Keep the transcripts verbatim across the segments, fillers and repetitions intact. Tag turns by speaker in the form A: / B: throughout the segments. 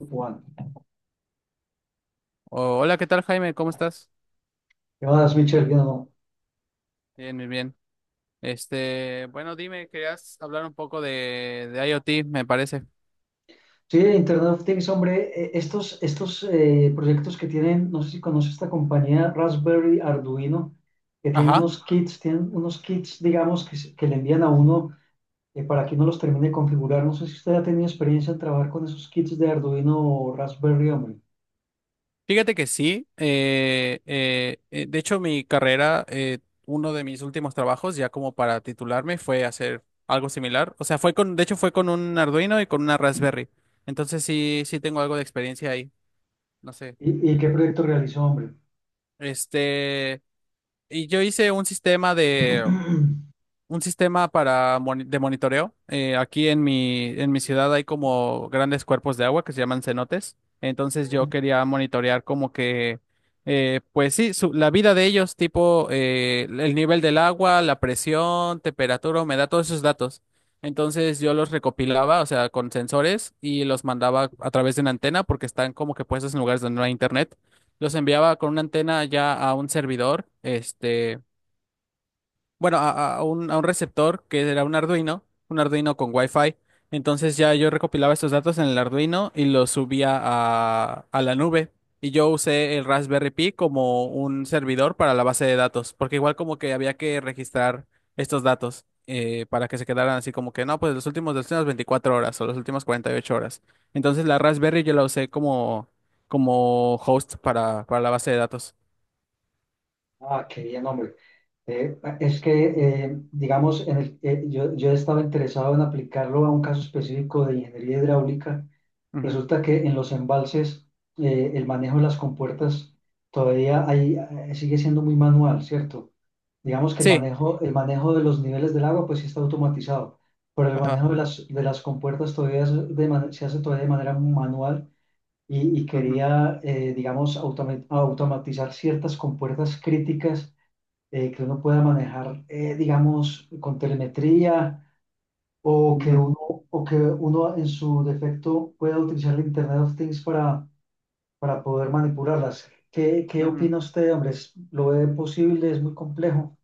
A: Juan,
B: Oh, hola, ¿qué tal, Jaime? ¿Cómo estás?
A: ¿qué más, Michelle? ¿Qué no?
B: Bien, bien, bien. Este, bueno, dime, querías hablar un poco de, de IoT, me parece.
A: Sí, Internet of Things, hombre, eh, estos, estos eh, proyectos que tienen, no sé si conoce esta compañía Raspberry Arduino, que tienen
B: Ajá.
A: unos kits, tienen unos kits, digamos, que, se- que le envían a uno eh, para que uno los termine de configurar. No sé si usted ha tenido experiencia en trabajar con esos kits de Arduino o Raspberry, hombre.
B: Fíjate que sí. Eh, eh, eh, de hecho, mi carrera, eh, uno de mis últimos trabajos, ya como para titularme, fue hacer algo similar. O sea, fue con, de hecho, fue con un Arduino y con una Raspberry. Entonces sí, sí tengo algo de experiencia ahí. No sé.
A: ¿Y, y qué proyecto realizó, hombre?
B: Este, y yo hice un sistema de un sistema para moni- de monitoreo. Eh, aquí en mi, en mi ciudad hay como grandes cuerpos de agua que se llaman cenotes. Entonces yo
A: Ok.
B: quería monitorear como que, eh, pues sí, su- la vida de ellos, tipo eh, el nivel del agua, la presión, temperatura, humedad, todos esos datos. Entonces yo los recopilaba, o sea, con sensores y los mandaba a través de una antena porque están como que puestos en lugares donde no hay internet. Los enviaba con una antena ya a un servidor, este bueno, a, a un, a un receptor que era un Arduino, un Arduino con Wi-Fi. Entonces ya yo recopilaba estos datos en el Arduino y los subía a, a la nube. Y yo usé el Raspberry Pi como un servidor para la base de datos, porque igual como que había que registrar estos datos eh, para que se quedaran así como que, no, pues los últimos, las últimas veinticuatro horas o las últimas cuarenta y ocho horas. Entonces la Raspberry yo la usé como, como host para, para la base de datos.
A: Ah, qué bien, hombre. Eh, es
B: Ujú,
A: que, eh, digamos, en el- eh, yo, yo estaba interesado en aplicarlo a un caso específico de ingeniería hidráulica.
B: ujú.
A: Resulta que en los embalses, eh, el manejo de las compuertas todavía hay, eh, sigue siendo muy manual, ¿cierto? Digamos que el
B: Sí.
A: manejo, el manejo de los niveles del agua, pues sí está automatizado, pero el
B: Ajá.
A: manejo de las, de las compuertas todavía es de man- se hace todavía de manera manual y, y
B: Ujú,
A: quería, eh, digamos, automa- automatizar ciertas compuertas críticas eh, que uno pueda manejar, eh, digamos, con telemetría o que
B: ujú.
A: uno, o que uno en su defecto pueda utilizar el Internet of Things para, para poder manipularlas. ¿Qué, qué
B: Ujú.
A: opina usted, hombre? ¿Es- ¿Lo ve posible? ¿Es muy complejo?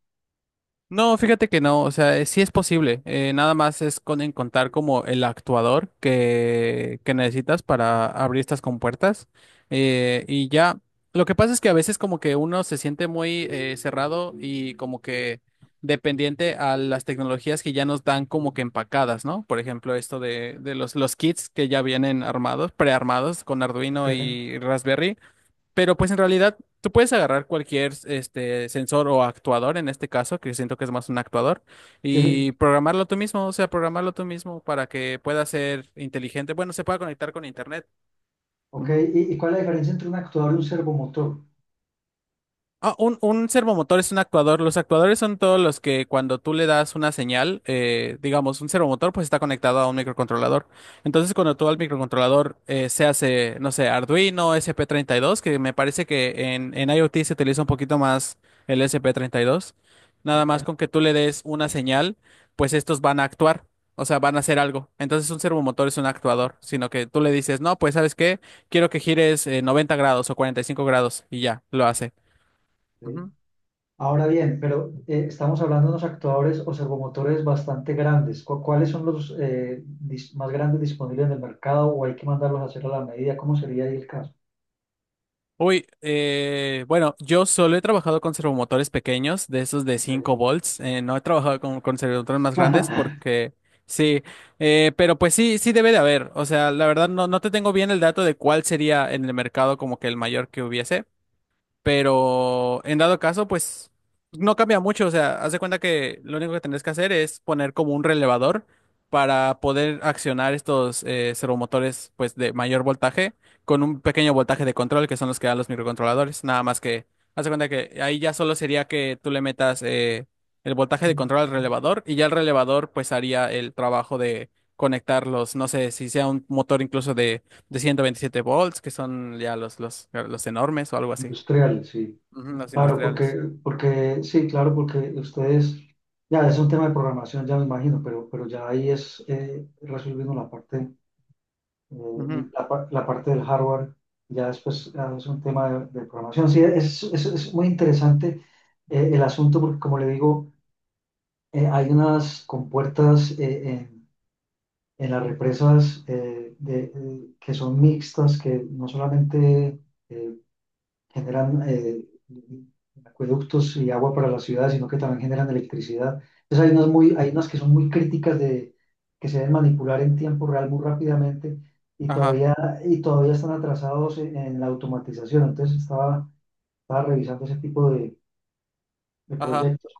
B: No, fíjate que no, o sea, eh, sí es posible, eh, nada más es con encontrar como el actuador que, que necesitas para abrir estas compuertas eh, y ya, lo que pasa es que a veces como que uno se siente muy eh, cerrado y como que dependiente a las tecnologías que ya nos dan como que empacadas, ¿no? Por ejemplo, esto de, de los, los kits que ya vienen armados, prearmados con Arduino
A: Ok,
B: y Raspberry. Pero pues en realidad tú puedes agarrar cualquier este sensor o actuador en este caso, que siento que es más un actuador,
A: sí,
B: y programarlo tú mismo, o sea, programarlo tú mismo para que pueda ser inteligente. Bueno, se pueda conectar con internet.
A: ok.
B: Ujú.
A: ¿Y, y cuál es la diferencia entre un actuador y un servomotor?
B: Ah, un, un servomotor es un actuador. Los actuadores son todos los que cuando tú le das una señal, eh, digamos, un servomotor pues está conectado a un microcontrolador. Entonces cuando tú al microcontrolador eh, se hace, no sé, Arduino, S P treinta y dos, que me parece que en, en IoT se utiliza un poquito más el S P treinta y dos, nada
A: Ok,
B: más con que tú le des una señal, pues estos van a actuar. O sea, van a hacer algo. Entonces un servomotor es un actuador, sino que tú le dices, no, pues ¿sabes qué? Quiero que gires eh, noventa grados o cuarenta y cinco grados y ya, lo hace.
A: ok.
B: Ujú.
A: Ahora bien, pero eh, estamos hablando de unos actuadores o servomotores bastante grandes. ¿Cu- ¿Cuáles son los eh, dis- más grandes disponibles en el mercado o hay que mandarlos a hacer a la medida? ¿Cómo sería ahí el caso?
B: Uy, eh, bueno, yo solo he trabajado con servomotores pequeños, de esos de
A: Ok.
B: cinco volts. Eh, no he trabajado con, con servomotores más grandes porque sí, eh, pero pues sí, sí debe de haber. O sea, la verdad no, no te tengo bien el dato de cuál sería en el mercado como que el mayor que hubiese. Pero en dado caso, pues no cambia mucho. O sea, haz de cuenta que lo único que tenés que hacer es poner como un relevador para poder accionar estos eh, servomotores pues de mayor voltaje con un pequeño voltaje de control que son los que dan los microcontroladores. Nada más que haz de cuenta que ahí ya solo sería que tú le metas eh, el voltaje de control al relevador y ya el relevador pues haría el trabajo de conectar los, no sé, si sea un motor incluso de, de ciento veintisiete volts, que son ya los, los, los enormes o algo así.
A: Industrial, sí.
B: Ujú, los
A: Claro, porque,
B: industriales.
A: porque, sí, claro, porque ustedes, ya es un tema de programación, ya me imagino, pero, pero ya ahí es eh, resolviendo la parte.
B: Ujú,
A: Eh, la, par- la parte del hardware ya después ah, es un tema de, de programación. Sí, es, es- es muy interesante eh, el asunto porque, como le digo, eh, hay unas compuertas eh, en, en las represas eh, de- eh, que son mixtas, que no solamente eh, generan eh, acueductos y agua para la ciudad, sino que también generan electricidad. Entonces hay unas
B: ujú.
A: muy, hay unas que son muy críticas de que se deben manipular en tiempo real muy rápidamente y
B: Ajá,
A: todavía, y todavía están atrasados en, en la automatización. Entonces estaba, estaba revisando ese tipo de, de
B: ajá.
A: proyectos.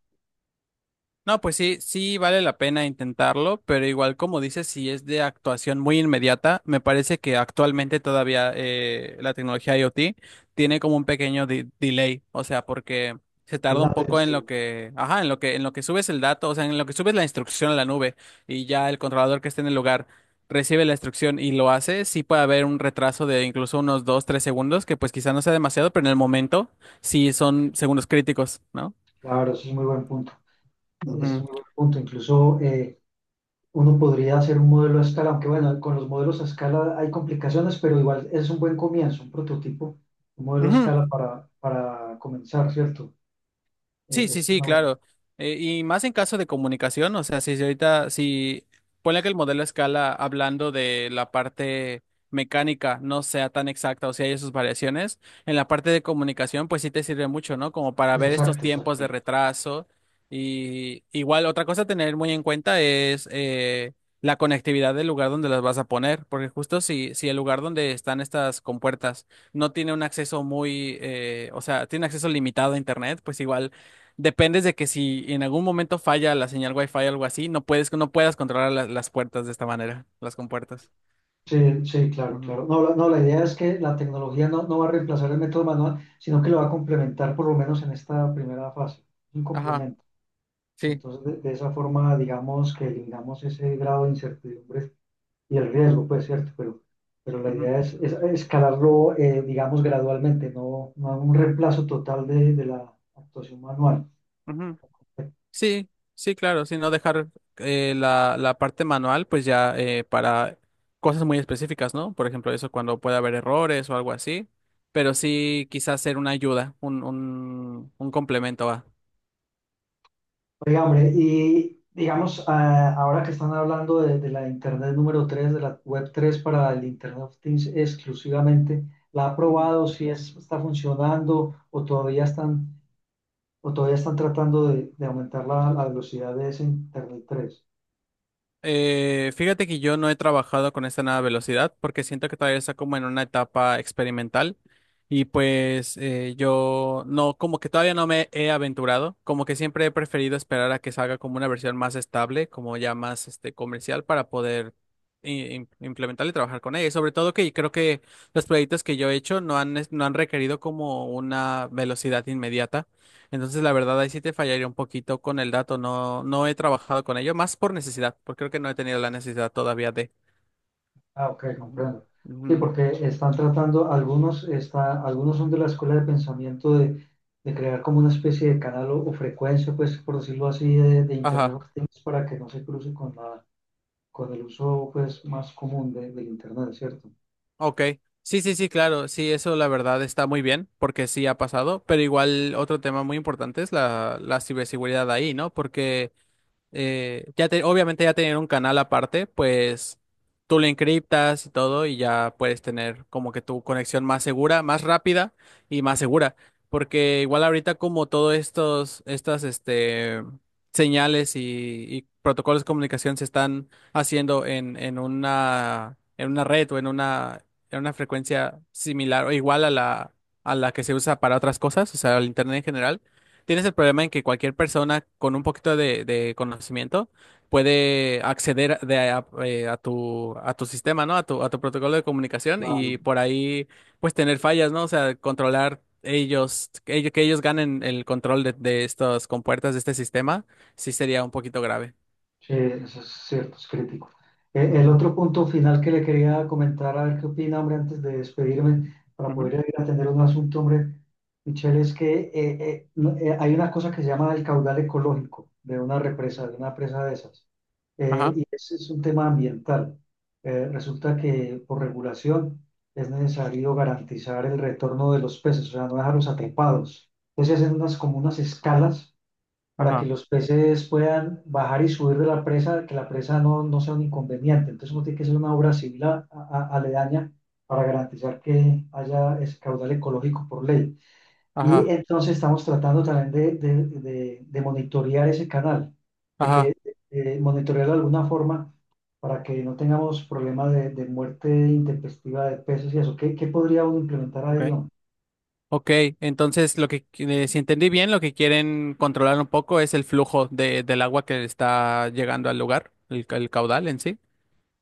B: No, pues sí, sí vale la pena intentarlo, pero igual como dices, si es de actuación muy inmediata, me parece que actualmente todavía eh, la tecnología IoT tiene como un pequeño de- delay, o sea, porque se tarda
A: La
B: un poco en
A: sí,
B: lo que, ajá, en lo que, en lo que subes el dato, o sea, en lo que subes la instrucción a la nube y ya el controlador que esté en el lugar recibe la instrucción y lo hace, sí puede haber un retraso de incluso unos dos, tres segundos, que pues quizá no sea demasiado, pero en el momento sí son segundos críticos, ¿no?
A: claro, eso es muy buen punto. Ese es
B: Ujú.
A: muy buen punto. Incluso eh, uno podría hacer un modelo a escala, aunque bueno, con los modelos a escala hay complicaciones, pero igual es un buen comienzo, un prototipo, un modelo a
B: Ujú.
A: escala para, para comenzar, ¿cierto?
B: Sí,
A: Eh,
B: sí,
A: es
B: sí,
A: una buena,
B: claro. Eh, y más en caso de comunicación, o sea, si si ahorita, si ponle que el modelo a escala, hablando de la parte mecánica, no sea tan exacta, o sea, hay sus variaciones, en la parte de comunicación, pues sí te sirve mucho, ¿no? Como para
A: es
B: ver estos
A: exacto,
B: tiempos
A: exacto.
B: de retraso. Y igual, otra cosa a tener muy en cuenta es eh, la conectividad del lugar donde las vas a poner, porque justo si, si el lugar donde están estas compuertas no tiene un acceso muy, eh, o sea, tiene acceso limitado a Internet, pues igual dependes de que si en algún momento falla la señal Wi-Fi o algo así, no puedes, no puedas controlar la- las puertas de esta manera, las compuertas.
A: Sí, sí, claro,
B: Ujú.
A: claro. No, la, no, la idea es que la tecnología no, no va a reemplazar el método manual, sino que lo va a complementar por lo menos en esta primera fase, un
B: Ajá,
A: complemento.
B: sí.
A: Entonces, de, de esa forma, digamos que eliminamos ese grado de incertidumbre y el
B: Ujú,
A: riesgo, pues cierto, pero, pero la
B: ujú,
A: idea es, es escalarlo, eh, digamos, gradualmente, no, no un reemplazo total de, de la actuación manual.
B: ujú. Sí, sí, claro, sí, no dejar eh, la, la parte manual, pues ya eh, para cosas muy específicas, ¿no? Por ejemplo, eso cuando puede haber errores o algo así, pero sí quizás ser una ayuda, un, un, un complemento a.
A: Oiga, hombre,
B: Ujú,
A: y digamos, ah, ahora que están hablando de, de la Internet número tres de la Web tres para el Internet of Things exclusivamente, ¿la ha
B: ujú.
A: probado? ¿Si es, está funcionando o todavía están, o todavía están tratando de, de aumentar la, la velocidad de ese Internet tres?
B: Eh, fíjate que yo no he trabajado con esta nueva velocidad porque siento que todavía está como en una etapa experimental y pues eh, yo no, como que todavía no me he aventurado, como que siempre he preferido esperar a que salga como una versión más estable, como ya más este comercial para poder i- im- implementarla y trabajar con ella. Y sobre todo que creo que los proyectos que yo he hecho no han, es- no han requerido como una velocidad inmediata. Entonces, la verdad, ahí sí te fallaría un poquito con el dato. No, no he trabajado con ello, más por necesidad, porque creo que no he tenido la necesidad todavía de.
A: Ah, ok,
B: Ujú,
A: comprendo.
B: ujú.
A: Sí, porque están tratando, algunos, está, algunos son de la escuela de pensamiento de, de crear como una especie de canal o, o frecuencia, pues, por decirlo así, de, de Internet
B: Ajá,
A: of Things para que no se cruce con la, con el uso, pues, más común de, del Internet, ¿cierto?
B: ok. Sí, sí, sí, claro. Sí, eso la verdad está muy bien, porque sí ha pasado. Pero igual otro tema muy importante es la, la ciberseguridad ahí, ¿no? Porque eh, ya te- obviamente ya tener un canal aparte, pues tú lo encriptas y todo y ya puedes tener como que tu conexión más segura, más rápida y más segura, porque igual ahorita como todos estos, estas, este, señales y, y protocolos de comunicación se están haciendo en, en una, en una red o en una, en una frecuencia similar o igual a la, a la que se usa para otras cosas, o sea, el internet en general. Tienes el problema en que cualquier persona con un poquito de, de conocimiento puede acceder de a, eh, a tu, a tu sistema, ¿no? A tu, a tu protocolo de comunicación
A: Claro.
B: y por ahí pues tener fallas, ¿no? O sea, controlar ellos, que ellos, que ellos ganen el control de, de estas compuertas de este sistema, sí sería un poquito grave.
A: Sí, eso es cierto, es crítico. E- El otro punto final que le quería comentar, a ver qué opina, hombre, antes de despedirme, para
B: Ujú, ujú.
A: poder ir a atender un asunto, hombre, Michelle, es que eh, eh, no- eh, hay una cosa que se llama el caudal ecológico de una represa, de una presa de esas. Eh,
B: Ajá,
A: y ese es un tema ambiental. Eh, resulta que por regulación es necesario garantizar el retorno de los peces, o sea, no dejarlos atrapados. Entonces hacen unas, como unas escalas para que
B: ajá,
A: los peces puedan bajar y subir de la presa, que la presa no, no sea un inconveniente. Entonces, uno tiene que hacer una obra civil a- a- aledaña para garantizar que haya ese caudal ecológico por ley. Y
B: ajá,
A: entonces estamos tratando también de, de, de- de monitorear ese canal, de que
B: ajá,
A: eh, monitorearlo de alguna forma para que no tengamos problemas de, de muerte intempestiva de peces y eso. ¿Qué, qué podría uno implementar
B: ok.
A: ahí, hombre?
B: Ok, entonces lo que, eh, si entendí bien, lo que quieren controlar un poco es el flujo de, del agua que está llegando al lugar, el, ca- el caudal en sí.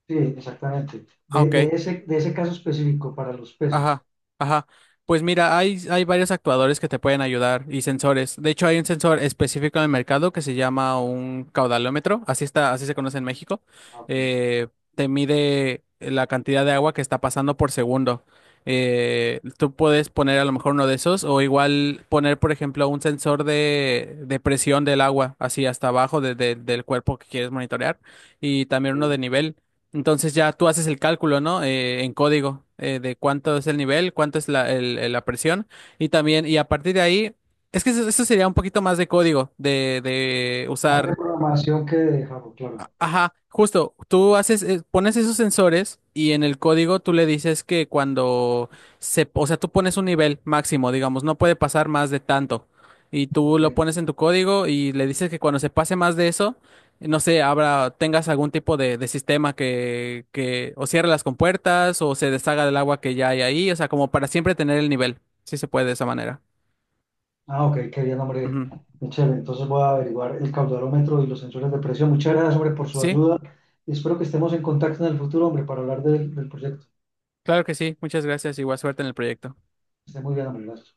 A: Sí, exactamente.
B: Ah,
A: De,
B: ok,
A: de ese, de ese caso específico para los peces.
B: ajá, ajá. Pues mira, hay, hay varios actuadores que te pueden ayudar y sensores. De hecho, hay un sensor específico en el mercado que se llama un caudalómetro, así está, así se conoce en México.
A: Ah, ok.
B: Eh, Te mide la cantidad de agua que está pasando por segundo. Eh, tú puedes poner a lo mejor uno de esos o igual poner, por ejemplo, un sensor de, de presión del agua, así hasta abajo de- de- del cuerpo que quieres monitorear y también uno de
A: Ok.
B: nivel. Entonces ya tú haces el cálculo, ¿no? Eh, en código eh, de cuánto es el nivel, cuánto es la, el- el- la presión y también, y a partir de ahí, es que eso, eso sería un poquito más de código, de, de
A: Más de
B: usar.
A: programación que de Java, claro.
B: Ajá, justo, tú haces, eh, pones esos sensores y en el código tú le dices que cuando se, o sea, tú pones un nivel máximo, digamos, no puede pasar más de tanto. Y tú
A: Ok.
B: lo pones en tu código y le dices que cuando se pase más de eso, no sé, habrá, tengas algún tipo de, de sistema que, que o cierre las compuertas o se deshaga del agua que ya hay ahí, o sea, como para siempre tener el nivel. Sí se puede de esa manera.
A: Ah, ok, qué bien, hombre.
B: Ujú.
A: Muy chévere. Entonces voy a averiguar el caudalómetro y los sensores de presión. Muchas gracias, hombre, por su
B: Sí,
A: ayuda. Y espero que estemos en contacto en el futuro, hombre, para hablar del, del proyecto.
B: claro que sí. Muchas gracias y buena suerte en el proyecto.
A: Que esté muy bien, hombre. Gracias.